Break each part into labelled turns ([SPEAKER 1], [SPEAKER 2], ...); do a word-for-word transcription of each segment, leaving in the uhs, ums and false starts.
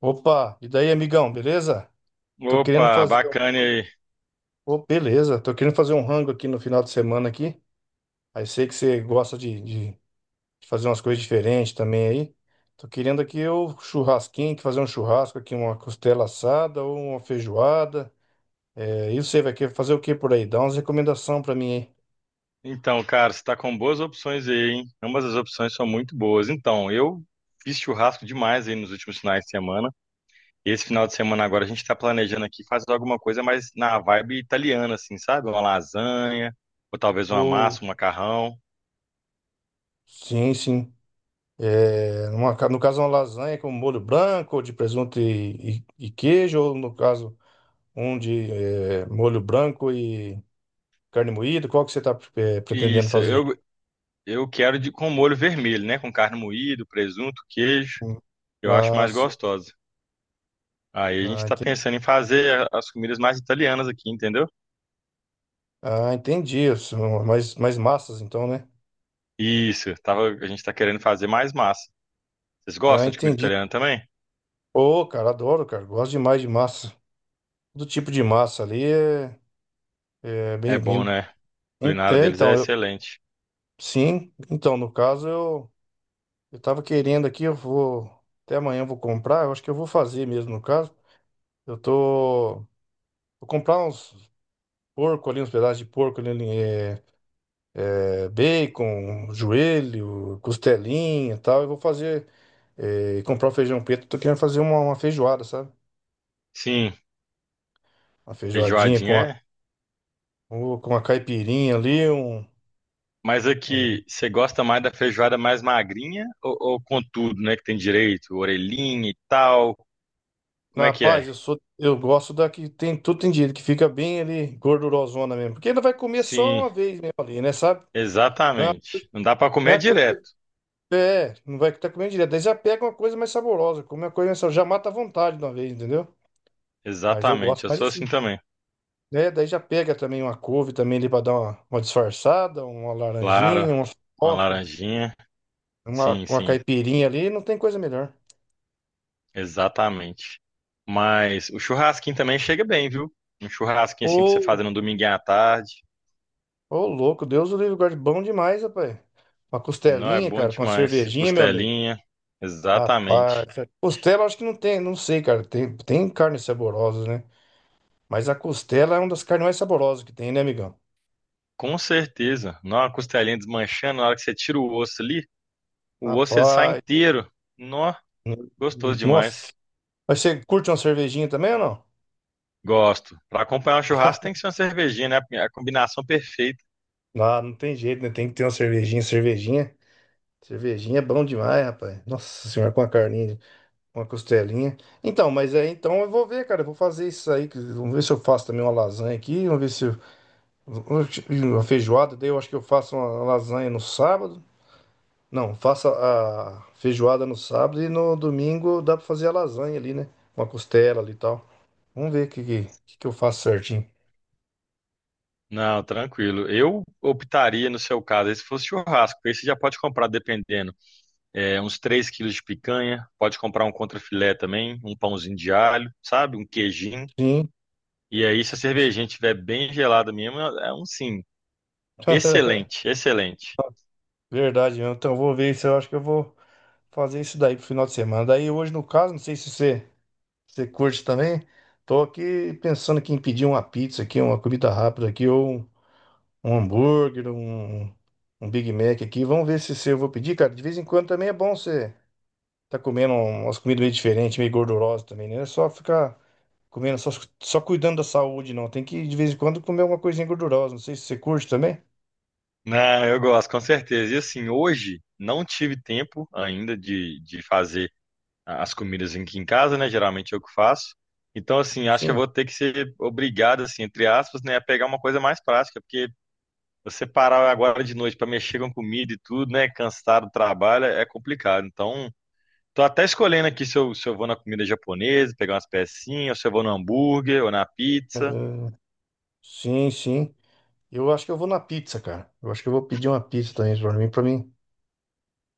[SPEAKER 1] Opa, e daí, amigão, beleza? Tô querendo
[SPEAKER 2] Opa,
[SPEAKER 1] fazer um
[SPEAKER 2] bacana
[SPEAKER 1] rango
[SPEAKER 2] aí.
[SPEAKER 1] aqui. Ô, beleza, tô querendo fazer um rango aqui no final de semana aqui. Aí sei que você gosta de, de- de fazer umas coisas diferentes também aí. Tô querendo aqui o churrasquinho, que fazer um churrasco aqui, uma costela assada ou uma feijoada. É, e você vai querer fazer o que por aí? Dá umas recomendações pra mim aí.
[SPEAKER 2] Então, cara, você tá com boas opções aí, hein? Ambas as opções são muito boas. Então, eu fiz churrasco demais aí nos últimos finais de semana. esse final de semana agora a gente tá planejando aqui fazer alguma coisa mais na vibe italiana, assim, sabe? Uma lasanha, ou talvez uma
[SPEAKER 1] Ou,
[SPEAKER 2] massa, um macarrão.
[SPEAKER 1] sim, sim. É, numa ca- no caso, uma lasanha com molho branco, de presunto e, e e queijo, ou no caso. Um de eh, molho branco e carne moída. Qual que você está pretendendo
[SPEAKER 2] Isso,
[SPEAKER 1] fazer?
[SPEAKER 2] eu, eu quero de, com molho vermelho, né? Com carne moída, presunto, queijo.
[SPEAKER 1] Hum.
[SPEAKER 2] Eu acho
[SPEAKER 1] Ah,
[SPEAKER 2] mais
[SPEAKER 1] sim.
[SPEAKER 2] gostosa. Aí a gente
[SPEAKER 1] Ah,
[SPEAKER 2] tá
[SPEAKER 1] entendi.
[SPEAKER 2] pensando em fazer as comidas mais italianas aqui, entendeu?
[SPEAKER 1] Ah, entendi. São mais, mais massas, então, né?
[SPEAKER 2] Isso, tava, a gente tá querendo fazer mais massa. Vocês
[SPEAKER 1] Ah,
[SPEAKER 2] gostam de comida
[SPEAKER 1] entendi.
[SPEAKER 2] italiana também?
[SPEAKER 1] Ô, cara, adoro, cara. Gosto demais de massa. Todo tipo de massa ali é, é
[SPEAKER 2] É bom,
[SPEAKER 1] bem-vindo.
[SPEAKER 2] né? A
[SPEAKER 1] En-
[SPEAKER 2] culinária
[SPEAKER 1] É,
[SPEAKER 2] deles é
[SPEAKER 1] então, eu,
[SPEAKER 2] excelente.
[SPEAKER 1] sim. Então, no caso, eu, eu tava querendo aqui, eu vou. Até amanhã eu vou comprar. Eu acho que eu vou fazer mesmo, no caso. Eu tô. Vou comprar uns porco ali, uns pedaços de porco ali, eh, bacon, joelho, costelinha e tal. Eu vou fazer, eh, comprar o feijão preto. Tô querendo fazer uma, uma feijoada, sabe?
[SPEAKER 2] Sim,
[SPEAKER 1] Uma feijoadinha
[SPEAKER 2] feijoadinha
[SPEAKER 1] com a,
[SPEAKER 2] é.
[SPEAKER 1] com uma caipirinha ali, um,
[SPEAKER 2] Mas
[SPEAKER 1] um...
[SPEAKER 2] aqui, você gosta mais da feijoada mais magrinha ou, ou com tudo, né? Que tem direito, orelhinha e tal. Como é que
[SPEAKER 1] Rapaz,
[SPEAKER 2] é?
[SPEAKER 1] eu sou, eu gosto da que tem tudo tem direito, que fica bem ali, gordurosona mesmo. Porque ainda vai comer só
[SPEAKER 2] Sim,
[SPEAKER 1] uma vez mesmo ali, né, sabe?
[SPEAKER 2] exatamente. Não dá pra
[SPEAKER 1] Não
[SPEAKER 2] comer
[SPEAKER 1] é coisa que
[SPEAKER 2] direto.
[SPEAKER 1] você- é, não vai estar comendo direto. Daí já pega uma coisa mais saborosa, come uma coisa mais saborosa, já mata a vontade de uma vez, entendeu? Mas eu
[SPEAKER 2] Exatamente,
[SPEAKER 1] gosto
[SPEAKER 2] eu
[SPEAKER 1] mais
[SPEAKER 2] sou assim
[SPEAKER 1] assim.
[SPEAKER 2] também.
[SPEAKER 1] Né? Daí já pega também uma couve também ali para dar uma, uma disfarçada, uma
[SPEAKER 2] Claro,
[SPEAKER 1] laranjinha, uma
[SPEAKER 2] uma
[SPEAKER 1] farofa,
[SPEAKER 2] laranjinha.
[SPEAKER 1] uma,
[SPEAKER 2] Sim,
[SPEAKER 1] uma
[SPEAKER 2] sim.
[SPEAKER 1] caipirinha ali, não tem coisa melhor.
[SPEAKER 2] Exatamente. Mas o churrasquinho também chega bem, viu? Um churrasquinho assim pra você
[SPEAKER 1] Ô,
[SPEAKER 2] fazer no dominguinho à tarde.
[SPEAKER 1] ô louco, Deus o livre guarde, bom demais, rapaz. Uma
[SPEAKER 2] Não, é
[SPEAKER 1] costelinha,
[SPEAKER 2] bom
[SPEAKER 1] cara, com uma
[SPEAKER 2] demais.
[SPEAKER 1] cervejinha, meu amigo.
[SPEAKER 2] Costelinha.
[SPEAKER 1] Rapaz,
[SPEAKER 2] Exatamente.
[SPEAKER 1] costela eu acho que não tem, não sei, cara. Tem, tem carnes saborosas, né? Mas a costela é uma das carnes mais saborosas que tem, né, amigão?
[SPEAKER 2] Com certeza. Não, a costelinha desmanchando, na hora que você tira o osso ali, o osso ele sai
[SPEAKER 1] Rapaz,
[SPEAKER 2] inteiro. Nó,
[SPEAKER 1] n-
[SPEAKER 2] gostoso
[SPEAKER 1] n-
[SPEAKER 2] demais.
[SPEAKER 1] nossa. Mas você curte uma cervejinha também ou não?
[SPEAKER 2] Gosto. Pra acompanhar um churrasco tem que ser uma cervejinha, né? A combinação perfeita.
[SPEAKER 1] Não, não tem jeito, né? Tem que ter uma cervejinha, cervejinha. Cervejinha é bom demais, rapaz. Nossa senhora, com a carninha, com a costelinha. Então, mas é, então eu vou ver, cara. Eu vou fazer isso aí. que- Vamos ver se eu faço também uma lasanha aqui. Vamos ver se eu, uma feijoada. Daí eu acho que eu faço uma lasanha no sábado. Não, faço a feijoada no sábado e no domingo dá pra fazer a lasanha ali, né? Uma costela ali e tal. Vamos ver o que, que, que que eu faço certinho.
[SPEAKER 2] Não, tranquilo. Eu optaria, no seu caso, aí se fosse churrasco, porque aí você já pode comprar dependendo. É, uns três quilos de picanha, pode comprar um contrafilé também, um pãozinho de alho, sabe? Um queijinho.
[SPEAKER 1] Sim.
[SPEAKER 2] E aí, se a cervejinha estiver bem gelada mesmo, é um sim. Excelente, excelente.
[SPEAKER 1] Verdade, mesmo. Então eu vou ver se eu acho que eu vou fazer isso daí pro final de semana. Daí hoje, no caso, não sei se você. Você curte também? Tô aqui pensando aqui em pedir uma pizza aqui, uma comida rápida aqui, ou um, um hambúrguer, um, um Big Mac aqui. Vamos ver se, se eu vou pedir, cara. De vez em quando também é bom você tá comendo um, umas comidas meio diferentes, meio gordurosas também, né? Não é só ficar comendo, só, só cuidando da saúde, não. Tem que, de vez em quando, comer alguma coisinha gordurosa. Não sei se você curte também.
[SPEAKER 2] Não, eu gosto, com certeza. E assim, hoje não tive tempo ainda de, de fazer as comidas aqui em casa, né? Geralmente eu que faço. Então, assim, acho que eu
[SPEAKER 1] Sim.
[SPEAKER 2] vou ter que ser obrigado, assim, entre aspas, né, a pegar uma coisa mais prática, porque você parar agora de noite para mexer com comida e tudo, né, cansado do trabalho, é complicado. Então, tô até escolhendo aqui se eu, se eu vou na comida japonesa, pegar umas pecinhas, ou se eu vou no hambúrguer ou na pizza.
[SPEAKER 1] É, sim, sim. Eu acho que eu vou na pizza, cara. Eu acho que eu vou pedir uma pizza também pra mim, pra mim.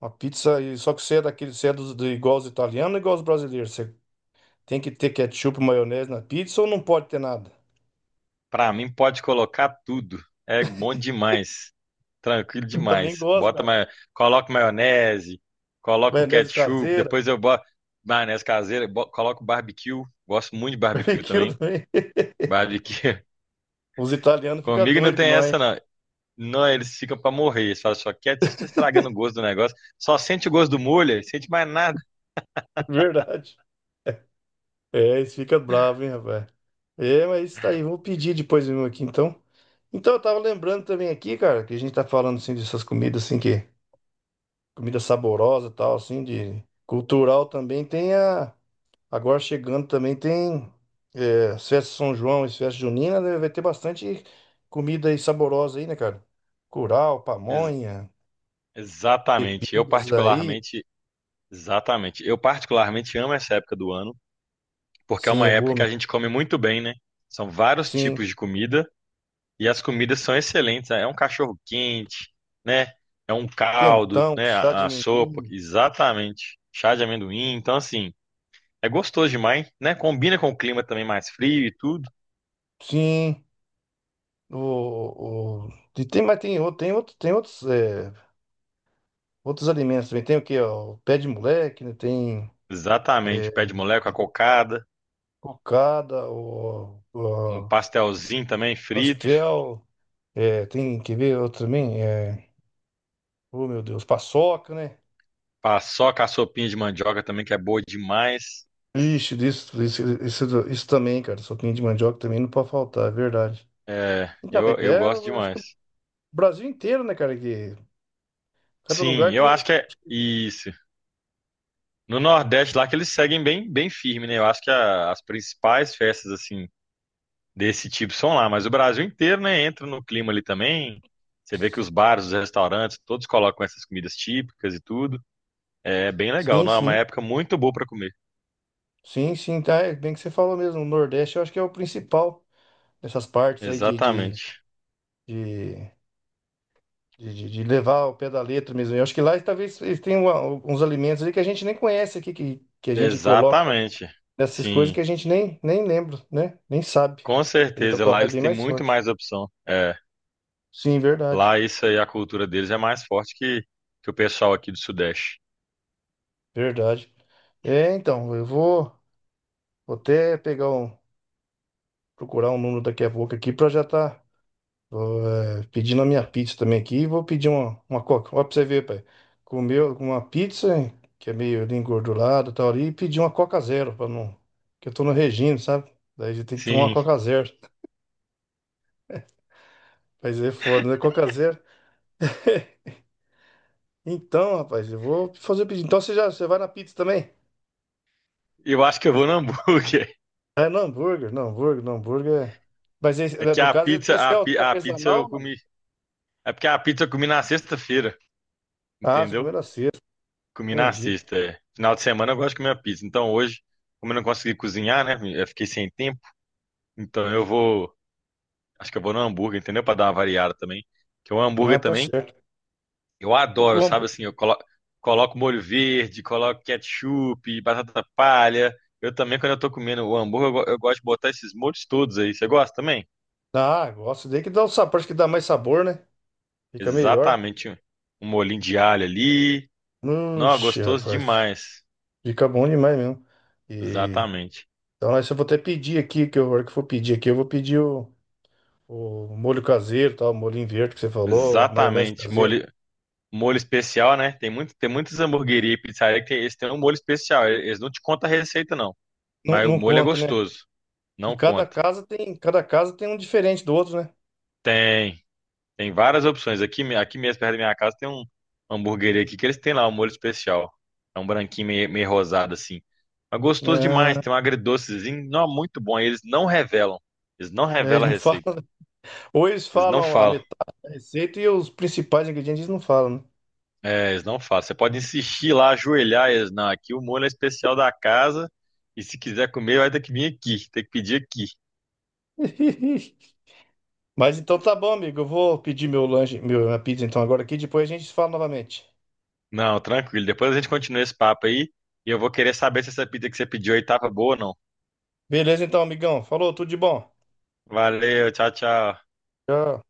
[SPEAKER 1] Uma pizza, e só que você é daquele, você é dos, do, igual os italianos, igual os brasileiros. Você tem que ter ketchup, maionese na pizza ou não pode ter nada?
[SPEAKER 2] Pra mim, pode colocar tudo. É bom demais. Tranquilo
[SPEAKER 1] Também
[SPEAKER 2] demais.
[SPEAKER 1] gosto,
[SPEAKER 2] Bota
[SPEAKER 1] cara.
[SPEAKER 2] ma... Coloca maionese, coloca o
[SPEAKER 1] Maionese
[SPEAKER 2] ketchup,
[SPEAKER 1] caseira,
[SPEAKER 2] depois eu boto maionese caseira, bo... coloco barbecue. Gosto muito de barbecue
[SPEAKER 1] barbecue
[SPEAKER 2] também.
[SPEAKER 1] também.
[SPEAKER 2] Barbecue.
[SPEAKER 1] Os italianos ficam
[SPEAKER 2] Comigo não
[SPEAKER 1] doidos com
[SPEAKER 2] tem
[SPEAKER 1] nós, é
[SPEAKER 2] essa, não. Não, eles ficam pra morrer. Eles falam só, quieto, vocês estão estragando o gosto do negócio. Só sente o gosto do molho, sente mais nada.
[SPEAKER 1] verdade. É, eles ficam bravos, hein, rapaz. É, mas isso aí, vou pedir depois mesmo aqui, então. Então, eu tava lembrando também aqui, cara, que a gente tá falando, assim, dessas comidas, assim, que... Comida saborosa e tal, assim, de... Cultural também tem a... Agora chegando também tem é, as festas de São João e as festas juninas, né? Vai ter bastante comida aí saborosa aí, né, cara? Curau, pamonha,
[SPEAKER 2] Exatamente. Eu
[SPEAKER 1] bebidas aí.
[SPEAKER 2] particularmente, exatamente. Eu particularmente amo essa época do ano, porque é
[SPEAKER 1] Sim,
[SPEAKER 2] uma
[SPEAKER 1] é
[SPEAKER 2] época
[SPEAKER 1] boa
[SPEAKER 2] que a
[SPEAKER 1] mesmo.
[SPEAKER 2] gente come muito bem, né? São vários
[SPEAKER 1] Sim,
[SPEAKER 2] tipos de comida e as comidas são excelentes. É um cachorro quente, né? É um caldo,
[SPEAKER 1] quentão,
[SPEAKER 2] né?
[SPEAKER 1] chá de
[SPEAKER 2] A, a sopa,
[SPEAKER 1] amendoim.
[SPEAKER 2] exatamente. Chá de amendoim. Então, assim, é gostoso demais, né? Combina com o clima também mais frio e tudo.
[SPEAKER 1] Sim, o, o... E tem, mas tem, outro- tem, outro, tem outros, é, outros alimentos também. Tem o quê? Ó? O pé de moleque, né? Tem
[SPEAKER 2] Exatamente.
[SPEAKER 1] é,
[SPEAKER 2] Pé de moleque, a cocada,
[SPEAKER 1] cocada, o,
[SPEAKER 2] um
[SPEAKER 1] o
[SPEAKER 2] pastelzinho também frito,
[SPEAKER 1] pastel. É, tem, quer ver outro também? É, oh, meu Deus, paçoca, né?
[SPEAKER 2] paçoca, a sopinha de mandioca também, que é boa demais.
[SPEAKER 1] Ixi, isso, isso, isso, isso também, cara. Sopinha de mandioca também não pode faltar, é verdade.
[SPEAKER 2] É,
[SPEAKER 1] Então, mas
[SPEAKER 2] eu, eu
[SPEAKER 1] é,
[SPEAKER 2] gosto
[SPEAKER 1] eu acho que
[SPEAKER 2] demais.
[SPEAKER 1] o Brasil inteiro, né, cara? Que cada
[SPEAKER 2] Sim,
[SPEAKER 1] lugar tem
[SPEAKER 2] eu
[SPEAKER 1] um.
[SPEAKER 2] acho que é isso. No Nordeste lá que eles seguem bem, bem firme, né? Eu acho que a- as principais festas assim desse tipo são lá, mas o Brasil inteiro, né, entra no clima ali também. Você vê que os bares, os restaurantes, todos colocam essas comidas típicas e tudo. É bem legal,
[SPEAKER 1] Sim,
[SPEAKER 2] não? É uma
[SPEAKER 1] sim.
[SPEAKER 2] época muito boa para comer.
[SPEAKER 1] Sim, sim, tá. É bem que você falou mesmo. O Nordeste eu acho que é o principal nessas partes aí de, de,
[SPEAKER 2] Exatamente.
[SPEAKER 1] de, de, de- de levar o pé da letra mesmo. Eu acho que lá talvez eles tenham uma- uns alimentos ali que a gente nem conhece aqui, que, que a gente coloca
[SPEAKER 2] Exatamente.
[SPEAKER 1] nessas coisas que
[SPEAKER 2] Sim,
[SPEAKER 1] a gente nem, nem lembra, né? Nem sabe.
[SPEAKER 2] com
[SPEAKER 1] A gente tá
[SPEAKER 2] certeza.
[SPEAKER 1] pra
[SPEAKER 2] Lá
[SPEAKER 1] lá é
[SPEAKER 2] eles
[SPEAKER 1] bem
[SPEAKER 2] têm
[SPEAKER 1] mais
[SPEAKER 2] muito
[SPEAKER 1] forte.
[SPEAKER 2] mais opção. É,
[SPEAKER 1] Sim, verdade.
[SPEAKER 2] lá isso aí, a cultura deles é mais forte que, que o pessoal aqui do Sudeste.
[SPEAKER 1] Verdade. É, então, eu vou, vou até pegar um, procurar um número daqui a pouco aqui pra já tá eh, pedindo a minha pizza também aqui. E vou pedir uma, uma coca. Ó, pra você ver, pai. Comeu uma pizza, que é meio ali engordurada e tal ali, e pedi uma coca zero, pra não. Que eu tô no regime, sabe? Daí a gente tem que tomar uma
[SPEAKER 2] Sim,
[SPEAKER 1] coca zero. Mas é foda, né? Coca zero. Então, rapaz, eu vou fazer o pedido. Então você já, você vai na pizza também?
[SPEAKER 2] eu acho que eu vou no hambúrguer.
[SPEAKER 1] É no hambúrguer, no hambúrguer, no hambúrguer. é- Mas esse-
[SPEAKER 2] É
[SPEAKER 1] né,
[SPEAKER 2] que
[SPEAKER 1] no
[SPEAKER 2] a
[SPEAKER 1] caso,
[SPEAKER 2] pizza,
[SPEAKER 1] esse
[SPEAKER 2] a,
[SPEAKER 1] é o
[SPEAKER 2] pi- a pizza eu
[SPEAKER 1] artesanal, não?
[SPEAKER 2] comi. É porque a pizza eu comi na sexta-feira,
[SPEAKER 1] Ah, você comeu
[SPEAKER 2] entendeu?
[SPEAKER 1] na sexta,
[SPEAKER 2] Comi na
[SPEAKER 1] entendi.
[SPEAKER 2] sexta. É. Final de semana eu gosto de comer a pizza. Então hoje, como eu não consegui cozinhar, né? Eu fiquei sem tempo. Então eu vou. Acho que eu vou no hambúrguer, entendeu? Pra dar uma variada também. Que o
[SPEAKER 1] Ah,
[SPEAKER 2] hambúrguer
[SPEAKER 1] tá
[SPEAKER 2] também,
[SPEAKER 1] certo.
[SPEAKER 2] eu
[SPEAKER 1] E o
[SPEAKER 2] adoro, sabe
[SPEAKER 1] hambú-
[SPEAKER 2] assim? Eu colo... coloco molho verde, coloco ketchup, batata palha. Eu também, quando eu tô comendo o hambúrguer, eu, go- eu gosto de botar esses molhos todos aí. Você gosta também?
[SPEAKER 1] ah, gosto daí que dá o sabor, acho que dá mais sabor, né? Fica melhor.
[SPEAKER 2] Exatamente. Um molhinho de alho ali. Não,
[SPEAKER 1] Oxi,
[SPEAKER 2] gostoso
[SPEAKER 1] rapaz,
[SPEAKER 2] demais.
[SPEAKER 1] fica bom demais mesmo. E...
[SPEAKER 2] Exatamente.
[SPEAKER 1] Então, nós- eu vou até pedir aqui, que eu, a hora que eu for pedir aqui, eu vou pedir o, o molho caseiro, tal, o molhinho verde que você falou, a maionese
[SPEAKER 2] Exatamente.
[SPEAKER 1] caseira.
[SPEAKER 2] Molho, molho especial, né? Tem muito, tem muitas hamburguerias e pizzaria que tem, eles têm um molho especial. Eles não te contam a receita, não.
[SPEAKER 1] Não,
[SPEAKER 2] Mas o
[SPEAKER 1] não
[SPEAKER 2] molho é
[SPEAKER 1] conta, né?
[SPEAKER 2] gostoso.
[SPEAKER 1] E
[SPEAKER 2] Não
[SPEAKER 1] cada
[SPEAKER 2] conta.
[SPEAKER 1] casa tem, cada casa tem um diferente do outro, né?
[SPEAKER 2] Tem. Tem várias opções. Aqui, me- aqui mesmo, perto da minha casa, tem um uma hamburgueria aqui que eles têm lá um molho especial. É um branquinho meio, meio rosado, assim. Mas gostoso demais.
[SPEAKER 1] É,
[SPEAKER 2] Tem um agridocezinho. Não, muito bom. E eles não revelam. Eles não
[SPEAKER 1] né, eles
[SPEAKER 2] revelam a
[SPEAKER 1] não
[SPEAKER 2] receita.
[SPEAKER 1] falam. Ou eles
[SPEAKER 2] Eles não
[SPEAKER 1] falam a
[SPEAKER 2] falam.
[SPEAKER 1] metade da receita e os principais ingredientes eles não falam, né?
[SPEAKER 2] É, eles não falam. Você pode insistir lá, ajoelhar eles. Não, aqui o molho é especial da casa. E se quiser comer, vai ter que vir aqui. Tem que pedir aqui.
[SPEAKER 1] Mas então tá bom, amigo. Eu vou pedir meu lanche, meu- minha pizza então agora aqui, depois a gente se fala novamente.
[SPEAKER 2] Não, tranquilo. Depois a gente continua esse papo aí. E eu vou querer saber se essa pizza que você pediu aí tava boa ou não.
[SPEAKER 1] Beleza então, amigão. Falou, tudo de bom.
[SPEAKER 2] Valeu, tchau, tchau.
[SPEAKER 1] Tchau.